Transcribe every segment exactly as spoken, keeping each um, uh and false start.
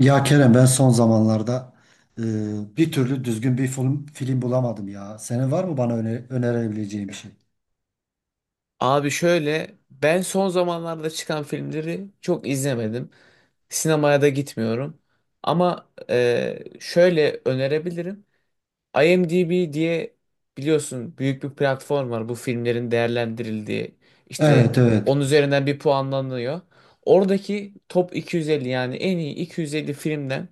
Ya Kerem, ben son zamanlarda e, bir türlü düzgün bir film, film bulamadım ya. Senin var mı bana öne- önerebileceğin bir şey? Abi şöyle, ben son zamanlarda çıkan filmleri çok izlemedim. Sinemaya da gitmiyorum. Ama e, şöyle önerebilirim. IMDb diye biliyorsun, büyük bir platform var bu filmlerin değerlendirildiği. İşte Evet, evet. on üzerinden bir puanlanıyor. Oradaki top iki yüz elli, yani en iyi iki yüz elli filmden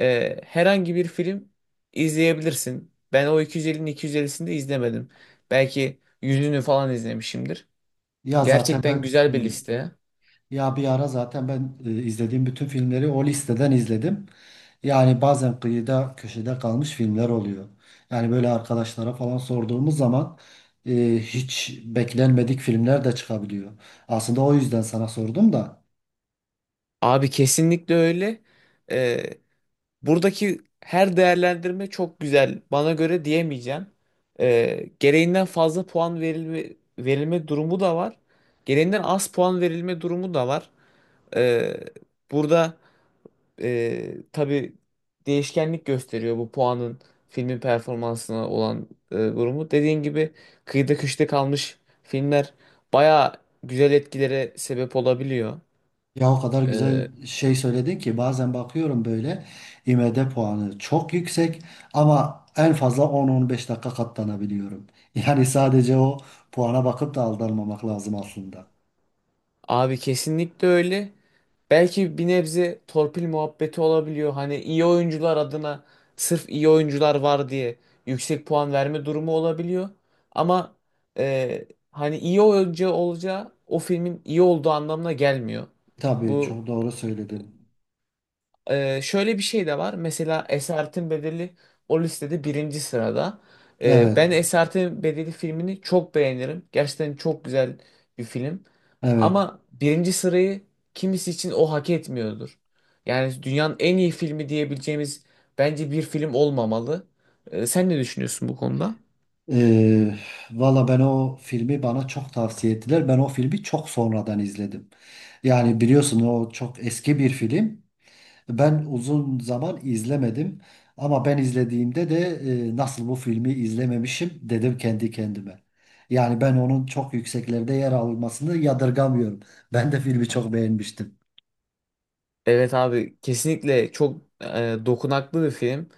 e, herhangi bir film izleyebilirsin. Ben o iki yüz ellinin iki yüz ellisini de izlemedim. Belki yüzünü falan izlemişimdir. Ya zaten Gerçekten ben güzel bir hmm, liste. ya bir ara zaten ben e, izlediğim bütün filmleri o listeden izledim. Yani bazen kıyıda köşede kalmış filmler oluyor. Yani böyle arkadaşlara falan sorduğumuz zaman e, hiç beklenmedik filmler de çıkabiliyor. Aslında o yüzden sana sordum da. Abi kesinlikle öyle. Ee, buradaki her değerlendirme çok güzel. Bana göre diyemeyeceğim. Ee, gereğinden fazla puan verilme, verilme durumu da var. Gereğinden az puan verilme durumu da var. Ee, burada e, tabii, değişkenlik gösteriyor bu puanın, filmin performansına olan e, durumu. Dediğin gibi kıyıda köşede kalmış filmler baya güzel etkilere sebep olabiliyor. Ya o kadar güzel Ee, şey söyledin ki, bazen bakıyorum böyle I M D puanı çok yüksek ama en fazla on on beş dakika katlanabiliyorum. Yani sadece o puana bakıp da aldanmamak lazım aslında. Abi kesinlikle öyle. Belki bir nebze torpil muhabbeti olabiliyor. Hani iyi oyuncular adına, sırf iyi oyuncular var diye yüksek puan verme durumu olabiliyor. Ama e, hani iyi oyuncu olacağı o filmin iyi olduğu anlamına gelmiyor. Tabii, Bu çok doğru söyledin. ee, şöyle bir şey de var. Mesela Esaretin Bedeli o listede birinci sırada. Ee, Evet, ben Esaretin Bedeli filmini çok beğenirim. Gerçekten çok güzel bir film. evet. Ama birinci sırayı kimisi için o hak etmiyordur. Yani dünyanın en iyi filmi diyebileceğimiz bence bir film olmamalı. Ee, sen ne düşünüyorsun bu konuda? Ee, valla ben o filmi bana çok tavsiye ettiler. Ben o filmi çok sonradan izledim. Yani biliyorsun, o çok eski bir film. Ben uzun zaman izlemedim ama ben izlediğimde de e, nasıl bu filmi izlememişim dedim kendi kendime. Yani ben onun çok yükseklerde yer almasını yadırgamıyorum. Ben de filmi çok beğenmiştim. Evet abi, kesinlikle çok e, dokunaklı bir film.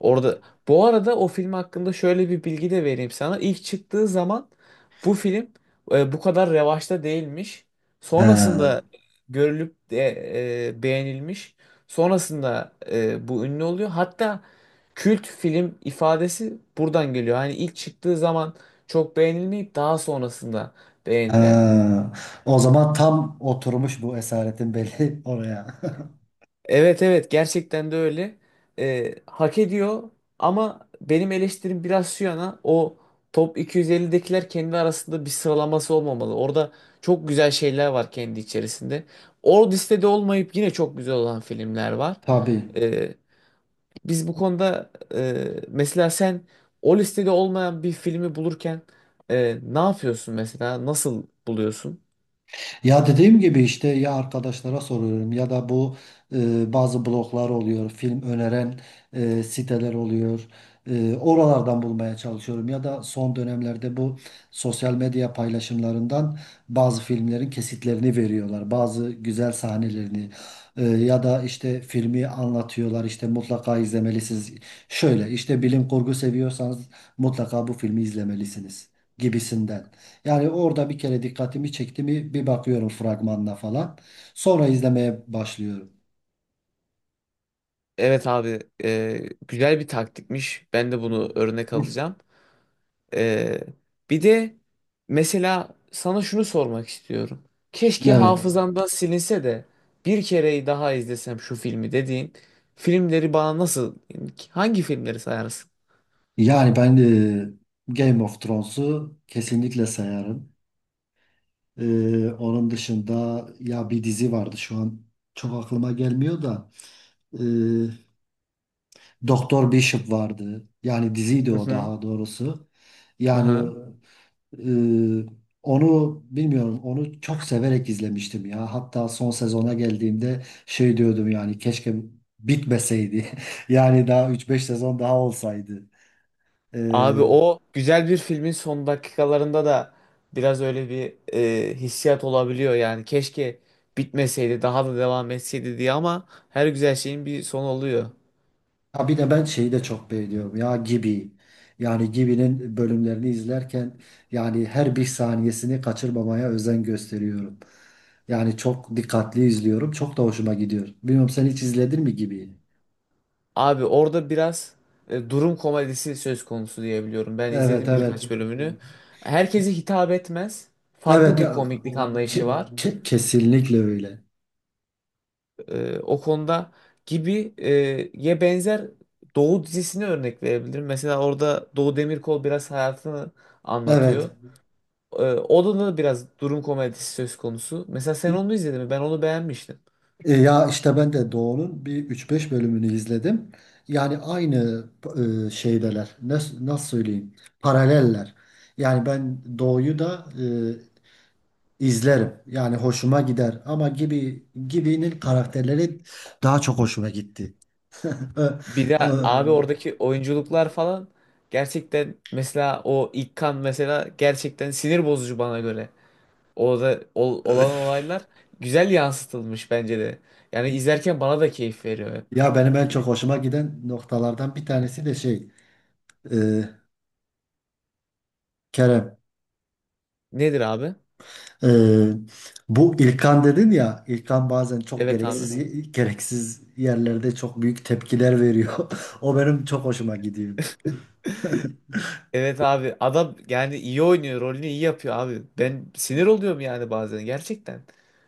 Orada, bu arada, o film hakkında şöyle bir bilgi de vereyim sana. İlk çıktığı zaman bu film e, bu kadar revaçta değilmiş. Sonrasında Ee, görülüp de e, beğenilmiş. Sonrasında e, bu ünlü oluyor. Hatta kült film ifadesi buradan geliyor. Hani ilk çıktığı zaman çok beğenilmeyip daha sonrasında beğenilen. ee, o zaman tam oturmuş bu esaretin belli oraya. Evet, evet, gerçekten de öyle. Ee, hak ediyor ama benim eleştirim biraz şu yana: o top iki yüz ellidekiler kendi arasında bir sıralaması olmamalı. Orada çok güzel şeyler var kendi içerisinde. O listede olmayıp yine çok güzel olan filmler var. Tabii. Ee, biz bu konuda, e, mesela sen o listede olmayan bir filmi bulurken e, ne yapıyorsun mesela? Nasıl buluyorsun? Ya dediğim gibi işte, ya arkadaşlara soruyorum ya da bu e, bazı bloglar oluyor, film öneren e, siteler oluyor. E, oralardan bulmaya çalışıyorum ya da son dönemlerde bu sosyal medya paylaşımlarından bazı filmlerin kesitlerini veriyorlar, bazı güzel sahnelerini E, ya da işte filmi anlatıyorlar, işte mutlaka izlemelisiniz. Şöyle işte, bilim kurgu seviyorsanız mutlaka bu filmi izlemelisiniz gibisinden. Yani orada bir kere dikkatimi çekti mi, bir bakıyorum fragmanına falan. Sonra izlemeye başlıyorum. Evet abi, e, güzel bir taktikmiş. Ben de bunu örnek alacağım. Ee, bir de mesela sana şunu sormak istiyorum. Keşke Evet. hafızamdan silinse de bir kereyi daha izlesem şu filmi dediğin filmleri bana nasıl, hangi filmleri sayarsın? Yani ben e, Game of Thrones'u kesinlikle sayarım. E, onun dışında ya bir dizi vardı, şu an çok aklıma gelmiyor da e, Doktor Bishop vardı. Yani diziydi Hı o, hı. daha doğrusu. Yani Aha. Ee, onu bilmiyorum. Onu çok severek izlemiştim ya. Hatta son sezona geldiğimde şey diyordum, yani keşke bitmeseydi. Yani daha üç beş sezon daha olsaydı. Abi, Ee, o güzel bir filmin son dakikalarında da biraz öyle bir e, hissiyat olabiliyor yani. Keşke bitmeseydi, daha da devam etseydi diye, ama her güzel şeyin bir sonu oluyor. ha bir de ben şeyi de çok beğeniyorum ya, Gibi. Yani Gibi'nin bölümlerini izlerken, yani her bir saniyesini kaçırmamaya özen gösteriyorum. Yani çok dikkatli izliyorum. Çok da hoşuma gidiyor. Bilmiyorum, sen hiç izledin mi Gibi'yi? Abi orada biraz e, durum komedisi söz konusu diyebiliyorum. Ben Evet, izledim evet. birkaç bölümünü. Herkese hitap etmez. Farklı Evet, bir komiklik anlayışı ke- var. ke- kesinlikle öyle. E, o konuda gibi e, ye benzer Doğu dizisine örnek verebilirim. Mesela orada Doğu Demirkol biraz hayatını Evet. anlatıyor. E, o da da biraz durum komedisi söz konusu. Mesela sen onu izledin mi? Ben onu beğenmiştim. E, Ya işte ben de Doğu'nun bir üç beş bölümünü izledim. Yani aynı e, şeydeler. Nasıl, nasıl söyleyeyim? Paraleller. Yani ben Doğu'yu da e, izlerim. Yani hoşuma gider. Ama gibi gibinin karakterleri daha çok hoşuma gitti. E, Bir e, de abi, oradaki oyunculuklar falan gerçekten, mesela o İkkan, mesela gerçekten sinir bozucu bana göre. Orada ol- olan olaylar güzel yansıtılmış bence de. Yani izlerken bana da keyif veriyor Ya benim en çok gibi. hoşuma giden noktalardan bir tanesi de şey, e, Kerem. Nedir abi? Ee, Bu İlkan dedin ya, İlkan bazen çok, evet Evet abi. gereksiz abi, gereksiz yerlerde çok büyük tepkiler veriyor. O benim çok hoşuma gidiyor. Evet abi, adam yani iyi oynuyor, rolünü iyi yapıyor abi. Ben sinir oluyorum yani bazen gerçekten.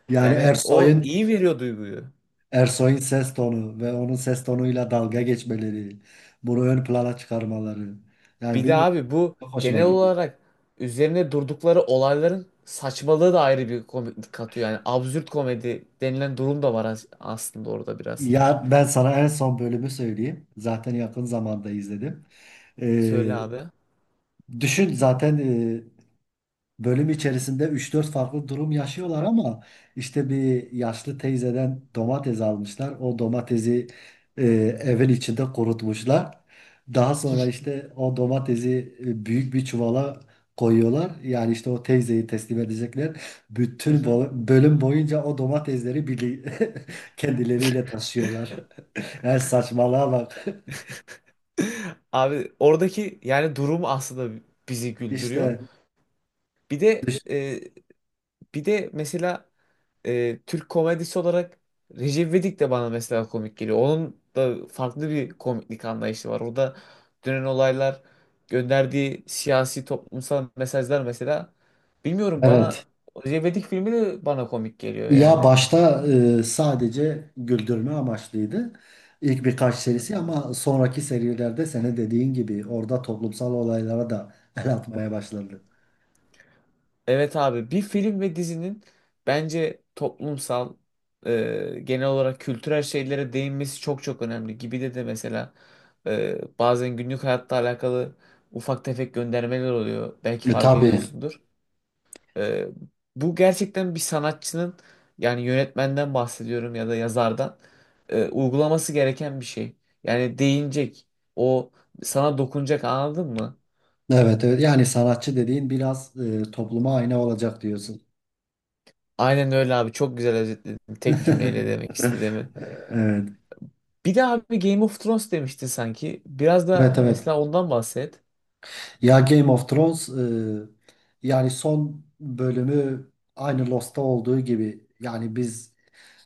Yani Yani o Ersoy'un iyi veriyor duyguyu. Ersoy'un ses tonu ve onun ses tonuyla dalga geçmeleri, bunu ön plana çıkarmaları. Yani Bir de bilmiyorum, abi, bu çok hoşuma genel gidiyor. olarak üzerine durdukları olayların saçmalığı da ayrı bir komiklik katıyor. Yani absürt komedi denilen durum da var as- aslında orada biraz. Ya ben sana en son bölümü söyleyeyim. Zaten yakın zamanda izledim. Söyle Ee, abi. düşün zaten, e, bölüm içerisinde üç dört farklı durum yaşıyorlar ama işte bir yaşlı teyzeden domates almışlar. O domatesi e, evin içinde kurutmuşlar. Daha sonra işte o domatesi e, büyük bir çuvala koyuyorlar. Yani işte o teyzeyi teslim edecekler. Hı Bütün hı. bo- bölüm boyunca o domatesleri birli kendileriyle taşıyorlar. Yani saçmalığa bak. Abi oradaki yani durum aslında bizi güldürüyor. İşte Bir de düş- e, bir de mesela e, Türk komedisi olarak Recep İvedik de bana mesela komik geliyor. Onun da farklı bir komiklik anlayışı var. Orada dönen olaylar, gönderdiği siyasi toplumsal mesajlar mesela. Bilmiyorum, bana evet. Recep İvedik filmi de bana komik geliyor Ya yani. başta e, sadece güldürme amaçlıydı ilk birkaç serisi ama sonraki serilerde senin dediğin gibi orada toplumsal olaylara da el atmaya başladı. Evet abi, bir film ve dizinin bence toplumsal, e, genel olarak kültürel şeylere değinmesi çok çok önemli. Gibi de de mesela e, bazen günlük hayatta alakalı ufak tefek göndermeler oluyor. Belki E, fark tabii. ediyorsundur. E, bu gerçekten bir sanatçının, yani yönetmenden bahsediyorum ya da yazardan, e, uygulaması gereken bir şey. Yani değinecek, o sana dokunacak, anladın mı? Evet, evet. Yani sanatçı dediğin biraz, e, topluma ayna olacak diyorsun. Aynen öyle abi, çok güzel özetledin tek cümleyle demek istediğimi. Evet. Bir de abi, Game of Thrones demiştin sanki. Biraz Evet, da evet. mesela ondan bahset. Ya Game of Thrones, e, yani son bölümü aynı Lost'ta olduğu gibi, yani biz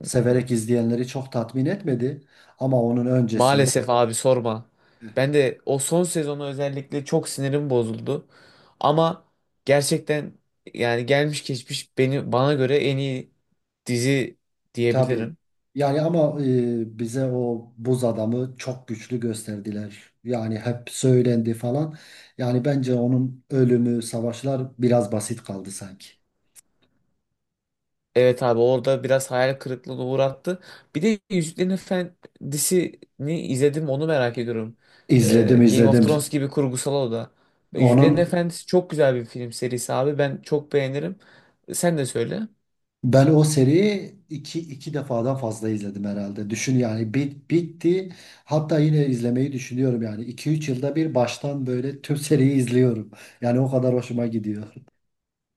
severek izleyenleri çok tatmin etmedi ama onun öncesini Maalesef abi, sorma. Ben de o son sezonu özellikle, çok sinirim bozuldu. Ama gerçekten yani gelmiş geçmiş beni bana göre en iyi dizi tabii, diyebilirim. yani ama e, bize o buz adamı çok güçlü gösterdiler. Yani hep söylendi falan. Yani bence onun ölümü, savaşlar biraz basit kaldı sanki. Evet abi, orada biraz hayal kırıklığına uğrattı. Bir de Yüzüklerin Efendisi'ni izledim, onu merak ediyorum. İzledim, Ee, Game of izledim. Thrones gibi kurgusal o da. Yüzüklerin Onun Efendisi çok güzel bir film serisi abi, ben çok beğenirim. Sen de söyle. Ben o seriyi iki, iki defadan fazla izledim herhalde. Düşün yani, bit, bitti. Hatta yine izlemeyi düşünüyorum yani. iki üç yılda bir baştan böyle tüm seriyi izliyorum. Yani o kadar hoşuma gidiyor.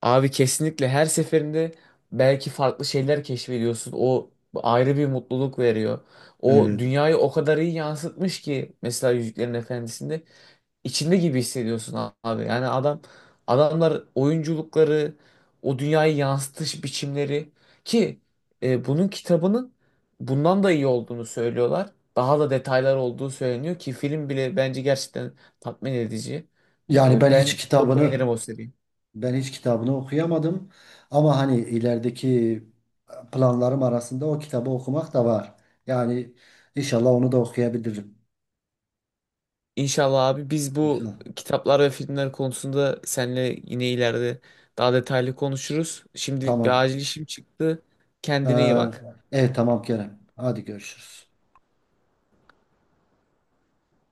Abi kesinlikle her seferinde belki farklı şeyler keşfediyorsun. O ayrı bir mutluluk veriyor. O Evet. dünyayı o kadar iyi yansıtmış ki, mesela Yüzüklerin Efendisi'nde içinde gibi hissediyorsun abi. Yani adam adamlar, oyunculukları, o dünyayı yansıtış biçimleri ki e, bunun kitabının bundan da iyi olduğunu söylüyorlar. Daha da detaylar olduğu söyleniyor ki film bile bence gerçekten tatmin edici. Yani E, ben hiç ben çok kitabını beğenirim o seriyi. ben hiç kitabını okuyamadım. Ama hani ilerideki planlarım arasında o kitabı okumak da var. Yani inşallah onu da okuyabilirim. İnşallah abi, biz bu İnşallah. kitaplar ve filmler konusunda seninle yine ileride daha detaylı konuşuruz. Şimdilik bir Tamam. acil işim çıktı. Kendine iyi Ee, bak. evet tamam Kerem. Hadi görüşürüz.